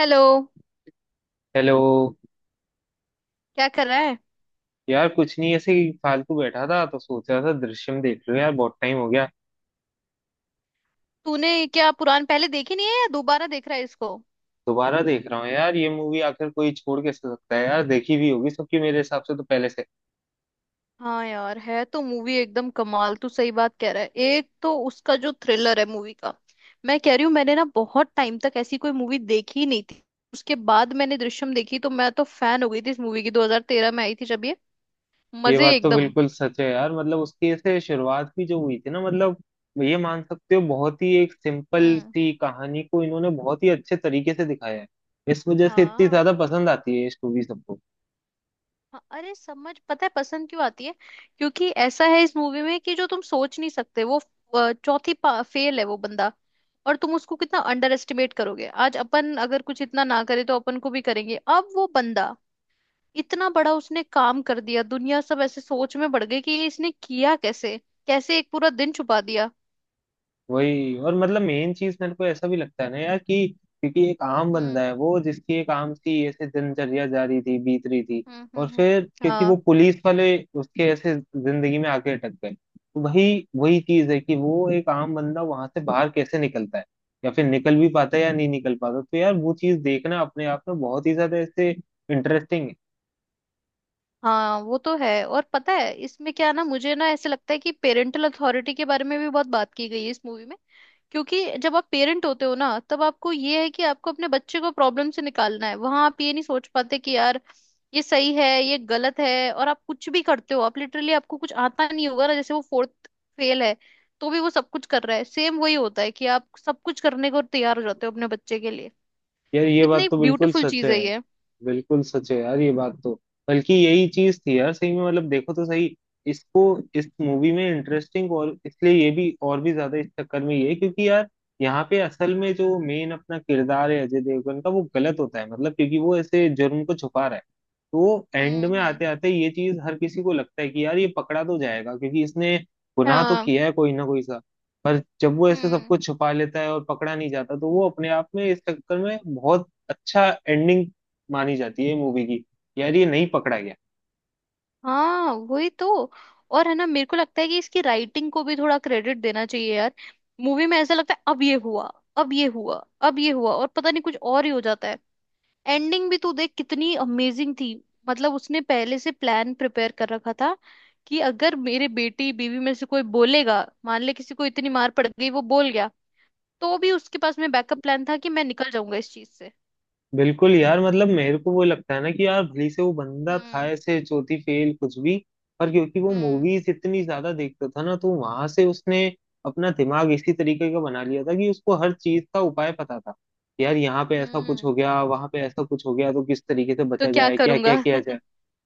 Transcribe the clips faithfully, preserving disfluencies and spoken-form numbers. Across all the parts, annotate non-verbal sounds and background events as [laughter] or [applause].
Hello. Hello. क्या कर रहा है। यार कुछ नहीं, ऐसे ही फालतू बैठा था तो सोच रहा था दृश्यम देख लूं। यार बहुत टाइम हो गया, तूने क्या पुरान पहले देखी नहीं है या दोबारा देख रहा है इसको। दोबारा देख रहा हूँ। यार ये मूवी आखिर कोई छोड़ कैसे सकता है। यार देखी भी होगी सबकी मेरे हिसाब से तो पहले से। हाँ यार है तो मूवी एकदम कमाल। तू सही बात कह रहा है। एक तो उसका जो थ्रिलर है मूवी का। मैं कह रही हूँ मैंने ना बहुत टाइम तक ऐसी कोई मूवी देखी ही नहीं थी। उसके बाद मैंने दृश्यम देखी तो मैं तो फैन हो गई थी इस मूवी की। दो हज़ार तेरह में आई थी जब ये। ये मजे बात तो एकदम। बिल्कुल सच है यार। मतलब उसकी ऐसे शुरुआत भी जो हुई थी ना, मतलब ये मान सकते हो बहुत ही एक सिंपल हम्म। सी कहानी को इन्होंने बहुत ही अच्छे तरीके से दिखाया है। इस वजह से इतनी हाँ। ज्यादा पसंद आती है ये मूवी सबको। हाँ, अरे समझ पता है पसंद क्यों आती है। क्योंकि ऐसा है इस मूवी में कि जो तुम सोच नहीं सकते वो अ, चौथी फेल है वो बंदा। और तुम उसको कितना अंडर एस्टिमेट करोगे। आज अपन अगर कुछ इतना ना करे तो अपन को भी करेंगे अब वो बंदा। इतना बड़ा उसने काम कर दिया। दुनिया सब ऐसे सोच में बढ़ गई कि ये इसने किया कैसे। कैसे एक पूरा दिन छुपा दिया। वही, और मतलब मेन चीज मेरे को ऐसा भी लगता है ना यार कि क्योंकि एक आम बंदा हम्म है वो, जिसकी एक आम सी ऐसे दिनचर्या जारी थी, बीत रही थी। हम्म और हम्म हम्म। फिर क्योंकि वो हाँ। पुलिस वाले उसके ऐसे जिंदगी में आके अटक गए, तो वही वही चीज है कि वो एक आम बंदा वहां से बाहर कैसे निकलता है, या फिर निकल भी पाता है या नहीं निकल पाता। तो यार वो चीज देखना अपने आप में बहुत ही ज्यादा ऐसे इंटरेस्टिंग है। हाँ वो तो है। और पता है इसमें क्या ना मुझे ना ऐसे लगता है कि पेरेंटल अथॉरिटी के बारे में भी बहुत बात की गई है इस मूवी में। क्योंकि जब आप पेरेंट होते हो ना तब आपको ये है कि आपको अपने बच्चे को प्रॉब्लम से निकालना है। वहां आप ये नहीं सोच पाते कि यार ये सही है ये गलत है। और आप कुछ भी करते हो। आप लिटरली आपको कुछ आता नहीं होगा ना जैसे वो फोर्थ फेल है तो भी वो सब कुछ कर रहा है। सेम वही होता है कि आप सब कुछ करने को तैयार हो जाते हो अपने बच्चे के लिए। यार ये बात कितनी तो बिल्कुल ब्यूटीफुल सच चीज है। है ये। बिल्कुल सच है यार ये बात तो। बल्कि यही चीज थी यार सही में, मतलब देखो तो सही इसको। इस मूवी में इंटरेस्टिंग और इसलिए ये भी और भी ज्यादा इस चक्कर में ये है क्योंकि यार यहाँ पे असल में जो मेन अपना किरदार है अजय देवगन का, वो गलत होता है। मतलब क्योंकि वो ऐसे जुर्म को छुपा रहा है, तो एंड हम्म में हम्म। आते आते ये चीज हर किसी को लगता है कि यार ये पकड़ा तो जाएगा क्योंकि इसने गुनाह तो किया है कोई ना कोई सा। पर जब वो ऐसे हाँ। सबको छुपा लेता है और पकड़ा नहीं जाता, तो वो अपने आप में इस चक्कर में बहुत अच्छा एंडिंग मानी जाती है मूवी की। यार ये नहीं पकड़ा गया। हाँ वही तो। और है ना मेरे को लगता है कि इसकी राइटिंग को भी थोड़ा क्रेडिट देना चाहिए यार। मूवी में ऐसा लगता है अब ये हुआ। अब ये हुआ। अब ये हुआ और पता नहीं कुछ और ही हो जाता है। एंडिंग भी तू देख कितनी अमेजिंग थी। मतलब उसने पहले से प्लान प्रिपेयर कर रखा था कि अगर मेरे बेटी बीवी में से कोई बोलेगा मान ले किसी को इतनी मार पड़ गई वो बोल गया तो भी उसके पास में बैकअप प्लान था कि मैं निकल जाऊंगा इस चीज से। बिल्कुल यार, मतलब मेरे को वो लगता है ना कि यार भली से वो बंदा था हम्म ऐसे चौथी फेल कुछ भी, पर क्योंकि वो हम्म मूवीज इतनी ज्यादा देखता था ना, तो वहां से उसने अपना दिमाग इसी तरीके का बना लिया था कि उसको हर चीज का उपाय पता था। यार यहाँ पे ऐसा कुछ हो हम्म। गया, वहां पे ऐसा कुछ हो गया, तो किस तरीके से तो बचा क्या जाए, क्या करूंगा क्या किया जाए। [laughs]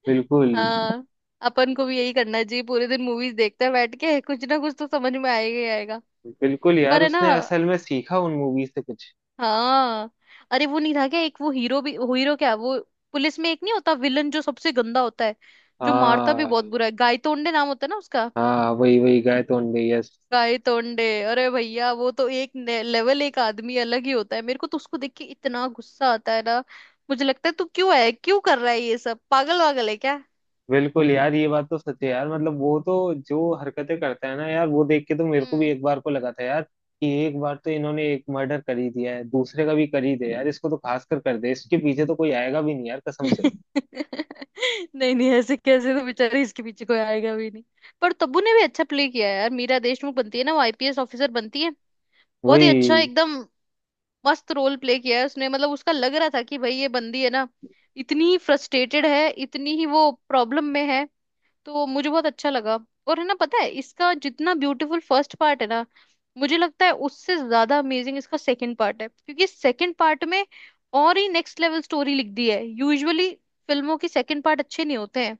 बिल्कुल। हाँ। अपन को भी यही करना चाहिए। पूरे दिन मूवीज देखते हैं बैठ के कुछ ना कुछ तो समझ में आएगा ही आएगा। बिल्कुल यार, पर है ना। उसने असल में सीखा उन मूवी से कुछ। हाँ। अरे वो नहीं था क्या एक वो हीरो भी वो हीरो क्या वो पुलिस में एक नहीं होता विलन जो सबसे गंदा होता है। जो मारता भी बहुत हाँ। बुरा है। गायतोंडे नाम होता है ना उसका। हाँ वही वही गाय तो अंधे, यस। गायतोंडे। अरे भैया वो तो एक ने- लेवल एक आदमी अलग ही होता है। मेरे को तो उसको देख के इतना गुस्सा आता है ना। मुझे लगता है तू क्यों है क्यों कर रहा है ये सब पागल वागल है क्या। बिल्कुल यार, ये बात तो सच है यार। मतलब वो तो जो हरकतें करता है ना यार, वो देख के तो मेरे को भी हम्म। एक बार को लगा था यार कि एक बार तो इन्होंने एक मर्डर कर ही दिया है, दूसरे का भी कर ही दे यार इसको तो, खास कर कर दे इसके पीछे तो कोई आएगा भी नहीं यार कसम से। [laughs] नहीं नहीं ऐसे कैसे। तो बेचारे इसके पीछे कोई आएगा भी नहीं। पर तब्बू ने भी अच्छा प्ले किया है यार। मीरा देशमुख बनती है ना वो आईपीएस ऑफिसर बनती है। बहुत ही अच्छा वही एकदम। मस्त रोल प्ले किया है उसने। मतलब उसका लग रहा था कि भाई ये बंदी है ना इतनी फ्रस्ट्रेटेड है इतनी ही वो प्रॉब्लम में है। तो मुझे बहुत अच्छा लगा। और है ना पता है इसका जितना ब्यूटीफुल फर्स्ट पार्ट है ना मुझे लगता है उससे ज्यादा अमेजिंग इसका सेकंड पार्ट है। क्योंकि सेकंड पार्ट में और ही नेक्स्ट लेवल स्टोरी लिख दी है। यूजुअली फिल्मों के सेकंड पार्ट अच्छे नहीं होते हैं।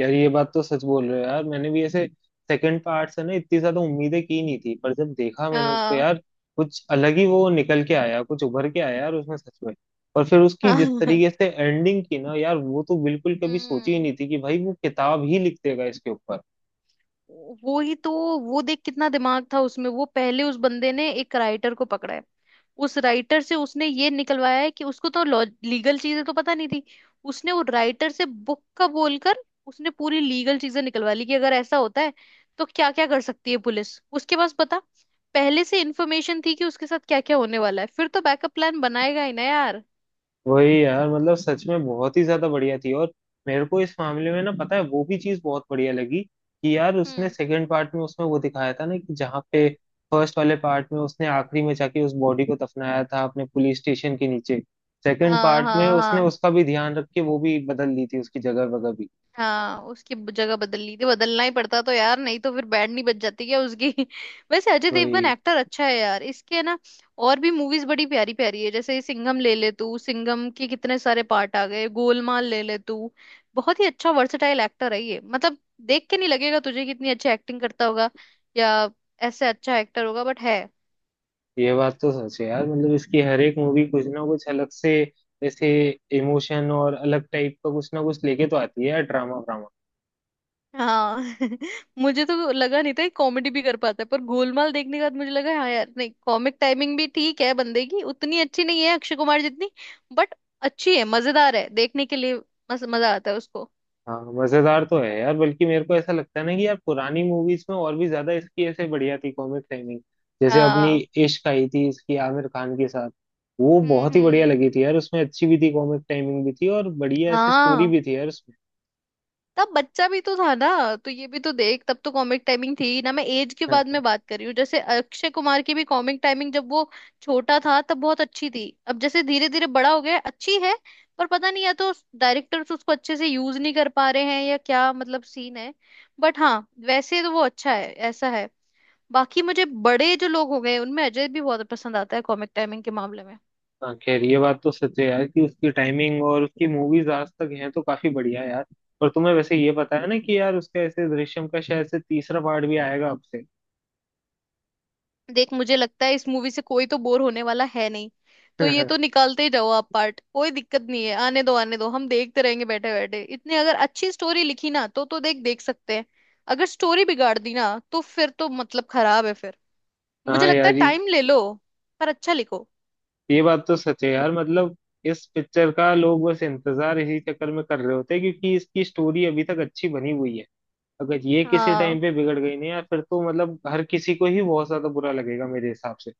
यार, ये बात तो सच बोल रहे हो यार। मैंने भी ऐसे सेकंड पार्ट से ना इतनी ज्यादा उम्मीदें की नहीं थी, पर जब देखा मैंने उसको हाँ। यार, कुछ अलग ही वो निकल के आया, कुछ उभर के आया यार उसमें सच में। और फिर उसकी जिस तरीके [laughs] से एंडिंग की ना यार, वो तो बिल्कुल कभी सोची ही हम्म। नहीं थी कि भाई वो किताब ही लिख देगा इसके ऊपर। वो ही तो। वो देख कितना दिमाग था उसमें। वो पहले उस बंदे ने एक राइटर को पकड़ा है। उस राइटर से उसने ये निकलवाया है कि उसको तो लीगल चीजें तो पता नहीं थी। उसने वो राइटर से बुक का बोलकर उसने पूरी लीगल चीजें निकलवा ली कि अगर ऐसा होता है तो क्या क्या कर सकती है पुलिस उसके पास पता। पहले से इंफॉर्मेशन थी कि उसके साथ क्या क्या होने वाला है। फिर तो बैकअप प्लान बनाएगा ही ना यार। वही यार, मतलब सच में बहुत ही ज्यादा बढ़िया थी। और मेरे को इस मामले में ना पता है वो भी चीज बहुत बढ़िया लगी कि यार उसने हम्म। सेकंड पार्ट में उसमें वो दिखाया था ना कि जहाँ पे फर्स्ट वाले पार्ट में उसने आखिरी में जाके उस बॉडी को दफनाया था अपने पुलिस स्टेशन के नीचे, सेकंड हाँ पार्ट में हाँ उसने हाँ। उसका भी ध्यान रख के वो भी बदल ली थी उसकी जगह वगैरह भी। हाँ उसकी ब- जगह बदल ली थी। बदलना ही पड़ता तो यार नहीं तो फिर बैंड नहीं बच जाती क्या उसकी [laughs] वैसे अजय देवगन वही। एक्टर अच्छा है यार इसके है ना। और भी मूवीज बड़ी प्यारी प्यारी है जैसे ये सिंघम ले ले तू। सिंघम के कितने सारे पार्ट आ गए। गोलमाल ले ले तू। बहुत ही अच्छा वर्सेटाइल एक्टर है ये मतलब। देख के नहीं लगेगा तुझे कितनी अच्छी एक्टिंग करता होगा या ऐसे अच्छा एक्टर होगा बट है। ये बात तो सच है यार, मतलब इसकी हर एक मूवी कुछ ना कुछ अलग से, जैसे इमोशन और अलग टाइप का कुछ ना कुछ लेके तो आती है यार, ड्रामा व्रामा। हाँ। [laughs] मुझे तो लगा नहीं था कॉमेडी भी कर पाता है। पर गोलमाल देखने के बाद मुझे लगा हाँ यार नहीं कॉमिक टाइमिंग भी ठीक है बंदे की। उतनी अच्छी नहीं है अक्षय कुमार जितनी बट अच्छी है। मजेदार है देखने के लिए। मस, मजा आता है उसको। हाँ, मजेदार तो है यार। बल्कि मेरे को ऐसा लगता है ना कि यार पुरानी मूवीज में और भी ज्यादा इसकी ऐसे बढ़िया थी कॉमिक टाइमिंग। जैसे अपनी हाँ। इश्क आई थी इसकी आमिर खान के साथ, वो हम्म हम्म बहुत ही बढ़िया हम्म। लगी थी यार। उसमें अच्छी भी थी कॉमिक टाइमिंग भी थी, और बढ़िया ऐसे स्टोरी हाँ। भी थी यार उसमें। तब बच्चा भी तो था ना तो ये भी तो देख। तब तो कॉमिक टाइमिंग थी ना। मैं एज के [laughs] बाद हाँ में बात कर रही हूँ जैसे अक्षय कुमार की भी कॉमिक टाइमिंग जब वो छोटा था तब बहुत अच्छी थी। अब जैसे धीरे धीरे बड़ा हो गया अच्छी है पर पता नहीं या तो डायरेक्टर्स उसको अच्छे से यूज नहीं कर पा रहे हैं या क्या मतलब सीन है बट हाँ वैसे तो वो अच्छा है ऐसा है। बाकी मुझे बड़े जो लोग हो गए उनमें अजय भी बहुत पसंद आता है कॉमिक टाइमिंग के मामले में। हाँ। खैर ये बात तो सच है यार कि उसकी टाइमिंग और उसकी मूवीज आज तक हैं तो काफी बढ़िया है यार। और तुम्हें वैसे ये पता है ना कि यार उसका ऐसे दृश्यम का शायद से तीसरा पार्ट भी आएगा अब से। देख मुझे लगता है इस मूवी से कोई तो बोर होने वाला है नहीं। तो ये तो [laughs] निकालते ही जाओ आप पार्ट। कोई दिक्कत नहीं है आने दो आने दो। हम देखते रहेंगे बैठे बैठे। इतने अगर अच्छी स्टोरी लिखी ना तो तो देख देख सकते हैं। अगर स्टोरी बिगाड़ दी ना तो फिर तो मतलब खराब है फिर। मुझे हाँ लगता यार, है टाइम ले लो पर अच्छा लिखो। ये बात तो सच है यार। मतलब इस पिक्चर का लोग बस इंतजार इसी चक्कर में कर रहे होते हैं क्योंकि इसकी स्टोरी अभी तक अच्छी बनी हुई है। अगर ये किसी हाँ। टाइम पे बिगड़ गई ना यार, फिर तो मतलब हर किसी को ही बहुत ज्यादा बुरा लगेगा मेरे हिसाब से।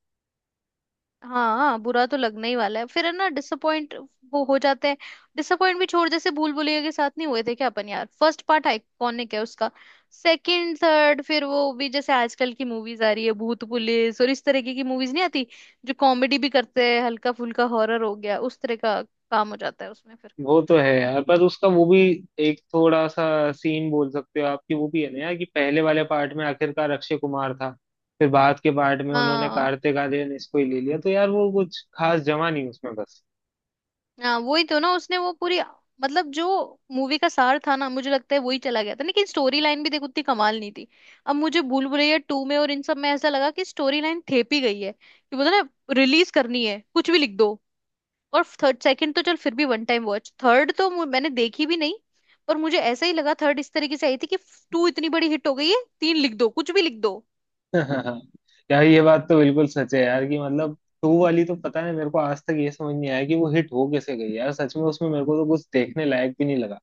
हाँ हाँ, बुरा तो लगना ही वाला है फिर है ना डिसअपॉइंट वो हो जाते हैं। डिसअपॉइंट भी छोड़। जैसे भूल भुलैया के साथ नहीं हुए थे क्या अपन यार। फर्स्ट पार्ट आइकॉनिक है उसका। सेकंड थर्ड फिर वो भी जैसे आजकल की मूवीज आ रही है भूत पुलिस और इस तरीके की। मूवीज नहीं आती जो कॉमेडी भी करते हैं हल्का फुल्का हॉरर हो गया उस तरह का काम हो जाता है उसमें फिर। वो तो है यार, पर उसका वो भी एक थोड़ा सा सीन बोल सकते हो आप कि वो भी है ना यार कि पहले वाले पार्ट में आखिरकार अक्षय कुमार था, फिर बाद के पार्ट में उन्होंने हाँ। कार्तिक आर्यन इसको ही ले लिया, तो यार वो कुछ खास जमा नहीं उसमें बस। हाँ वही तो ना। उसने वो पूरी मतलब जो मूवी का सार था ना मुझे लगता है वही चला गया था। लेकिन स्टोरी लाइन भी देखो उतनी कमाल नहीं थी। अब मुझे भूल भुलैया टू में और इन सब में ऐसा लगा कि स्टोरी लाइन थेपी गई है। कि बोलते हैं ना रिलीज करनी है कुछ भी लिख दो। और थर्ड सेकंड तो चल फिर भी वन टाइम वॉच। थर्ड तो मु- मैंने देखी भी नहीं। पर मुझे ऐसा ही लगा थर्ड इस तरीके से आई थी कि टू इतनी बड़ी हिट हो गई है तीन लिख दो कुछ भी लिख दो। हाँ, यार ये बात तो बिल्कुल सच है यार कि मतलब टू वाली तो पता नहीं मेरे को आज तक ये समझ नहीं आया कि वो हिट हो कैसे गई यार सच में। उसमें मेरे को तो कुछ देखने लायक भी नहीं लगा।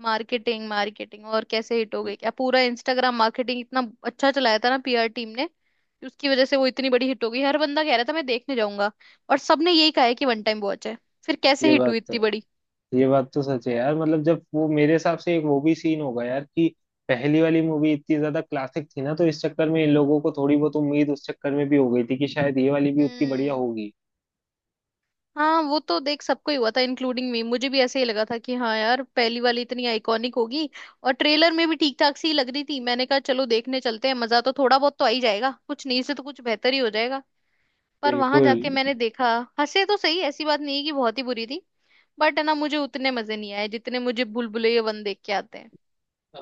मार्केटिंग मार्केटिंग और कैसे हिट हो गई क्या। पूरा इंस्टाग्राम मार्केटिंग इतना अच्छा चलाया था ना पीआर टीम ने कि उसकी वजह से वो इतनी बड़ी हिट हो गई। हर बंदा कह रहा था मैं देखने जाऊंगा और सबने यही कहा है कि वन टाइम वॉच है। फिर कैसे ये हिट हुई बात तो इतनी बड़ी। ये बात तो सच है यार। मतलब जब वो मेरे हिसाब से एक वो भी सीन होगा यार कि पहली वाली मूवी इतनी ज्यादा क्लासिक थी ना, तो इस चक्कर में इन लोगों को थोड़ी बहुत उम्मीद उस चक्कर में भी हो गई थी कि शायद ये वाली भी उतनी बढ़िया हम्म। होगी। हाँ वो तो देख सबको ही हुआ था इंक्लूडिंग मी। मुझे भी ऐसे ही लगा था कि हाँ यार पहली वाली इतनी आइकॉनिक होगी और ट्रेलर में भी ठीक ठाक सी ही लग रही थी। मैंने कहा चलो देखने चलते हैं मजा तो थोड़ा बहुत तो आ ही जाएगा कुछ नहीं से तो कुछ बेहतर ही हो जाएगा। पर वहां बिल्कुल। जाके मैंने देखा हंसे तो सही। ऐसी बात नहीं है कि बहुत ही बुरी थी। बट है ना मुझे उतने मजे नहीं आए जितने मुझे भूलभुलैया वन देख के आते हैं।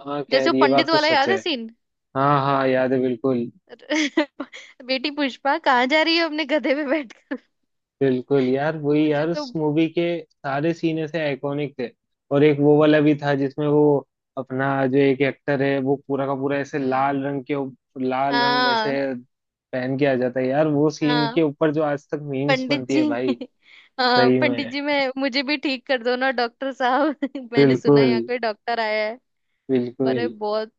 हाँ जैसे खैर वो ये बात पंडित तो वाला सच याद है है। सीन। हाँ हाँ, याद है बिल्कुल। [laughs] बेटी पुष्पा कहाँ जा रही है अपने गधे पे बैठकर। बिल्कुल यार, [laughs] वही मुझे यार तो। उस मूवी के सारे सीन ऐसे आइकॉनिक थे। और एक वो वाला भी था जिसमें वो अपना जो एक एक्टर है वो पूरा का पूरा ऐसे हम्म। लाल रंग के उप- लाल रंग वैसे हाँ। पहन के आ जाता है यार, वो सीन हाँ के ऊपर जो आज तक मीम्स पंडित बनती जी। है भाई। [laughs] हाँ सही पंडित में। जी मैं मुझे भी ठीक कर दो ना डॉक्टर साहब। [laughs] मैंने सुना है बिल्कुल। यहाँ कोई डॉक्टर आया है। अरे बिल्कुल। बहुत।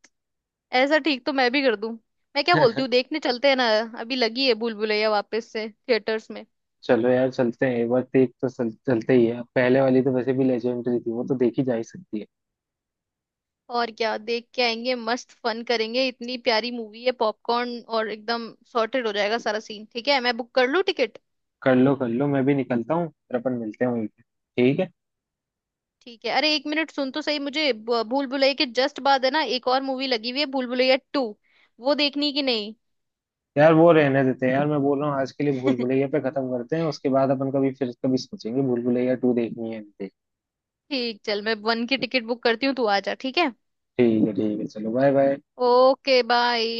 ऐसा ठीक तो मैं भी कर दूं। मैं क्या बोलती हूँ [laughs] देखने चलते हैं ना। अभी लगी है भूल भुलैया वापस से थिएटर्स में। चलो यार, चलते हैं एक बार। देख तो चल, चलते ही है, पहले वाली तो वैसे भी लेजेंडरी थी, वो तो देखी जा ही सकती है। और क्या देख के आएंगे मस्त फन करेंगे इतनी प्यारी मूवी है। पॉपकॉर्न और एकदम सॉर्टेड हो जाएगा सारा सीन। ठीक है मैं बुक कर लूँ टिकट। कर लो कर लो, मैं भी निकलता हूँ। फिर अपन मिलते हैं वहीं पे, ठीक है। ठीक है अरे एक मिनट सुन तो सही। मुझे ब- भूल भुलैया के जस्ट बाद है ना एक और मूवी लगी हुई है भूल भुलैया टू। वो देखनी कि नहीं। यार वो रहने देते हैं यार, मैं बोल रहा हूँ आज के लिए भूल [laughs] भुलैया पे खत्म करते हैं। उसके बाद अपन कभी फिर कभी सोचेंगे भूल भुलैया टू देखनी है नहीं देखनी। ठीक चल मैं वन की टिकट बुक करती हूँ तू आ जा। ठीक है ठीक है ठीक है, चलो बाय बाय। Okay bye.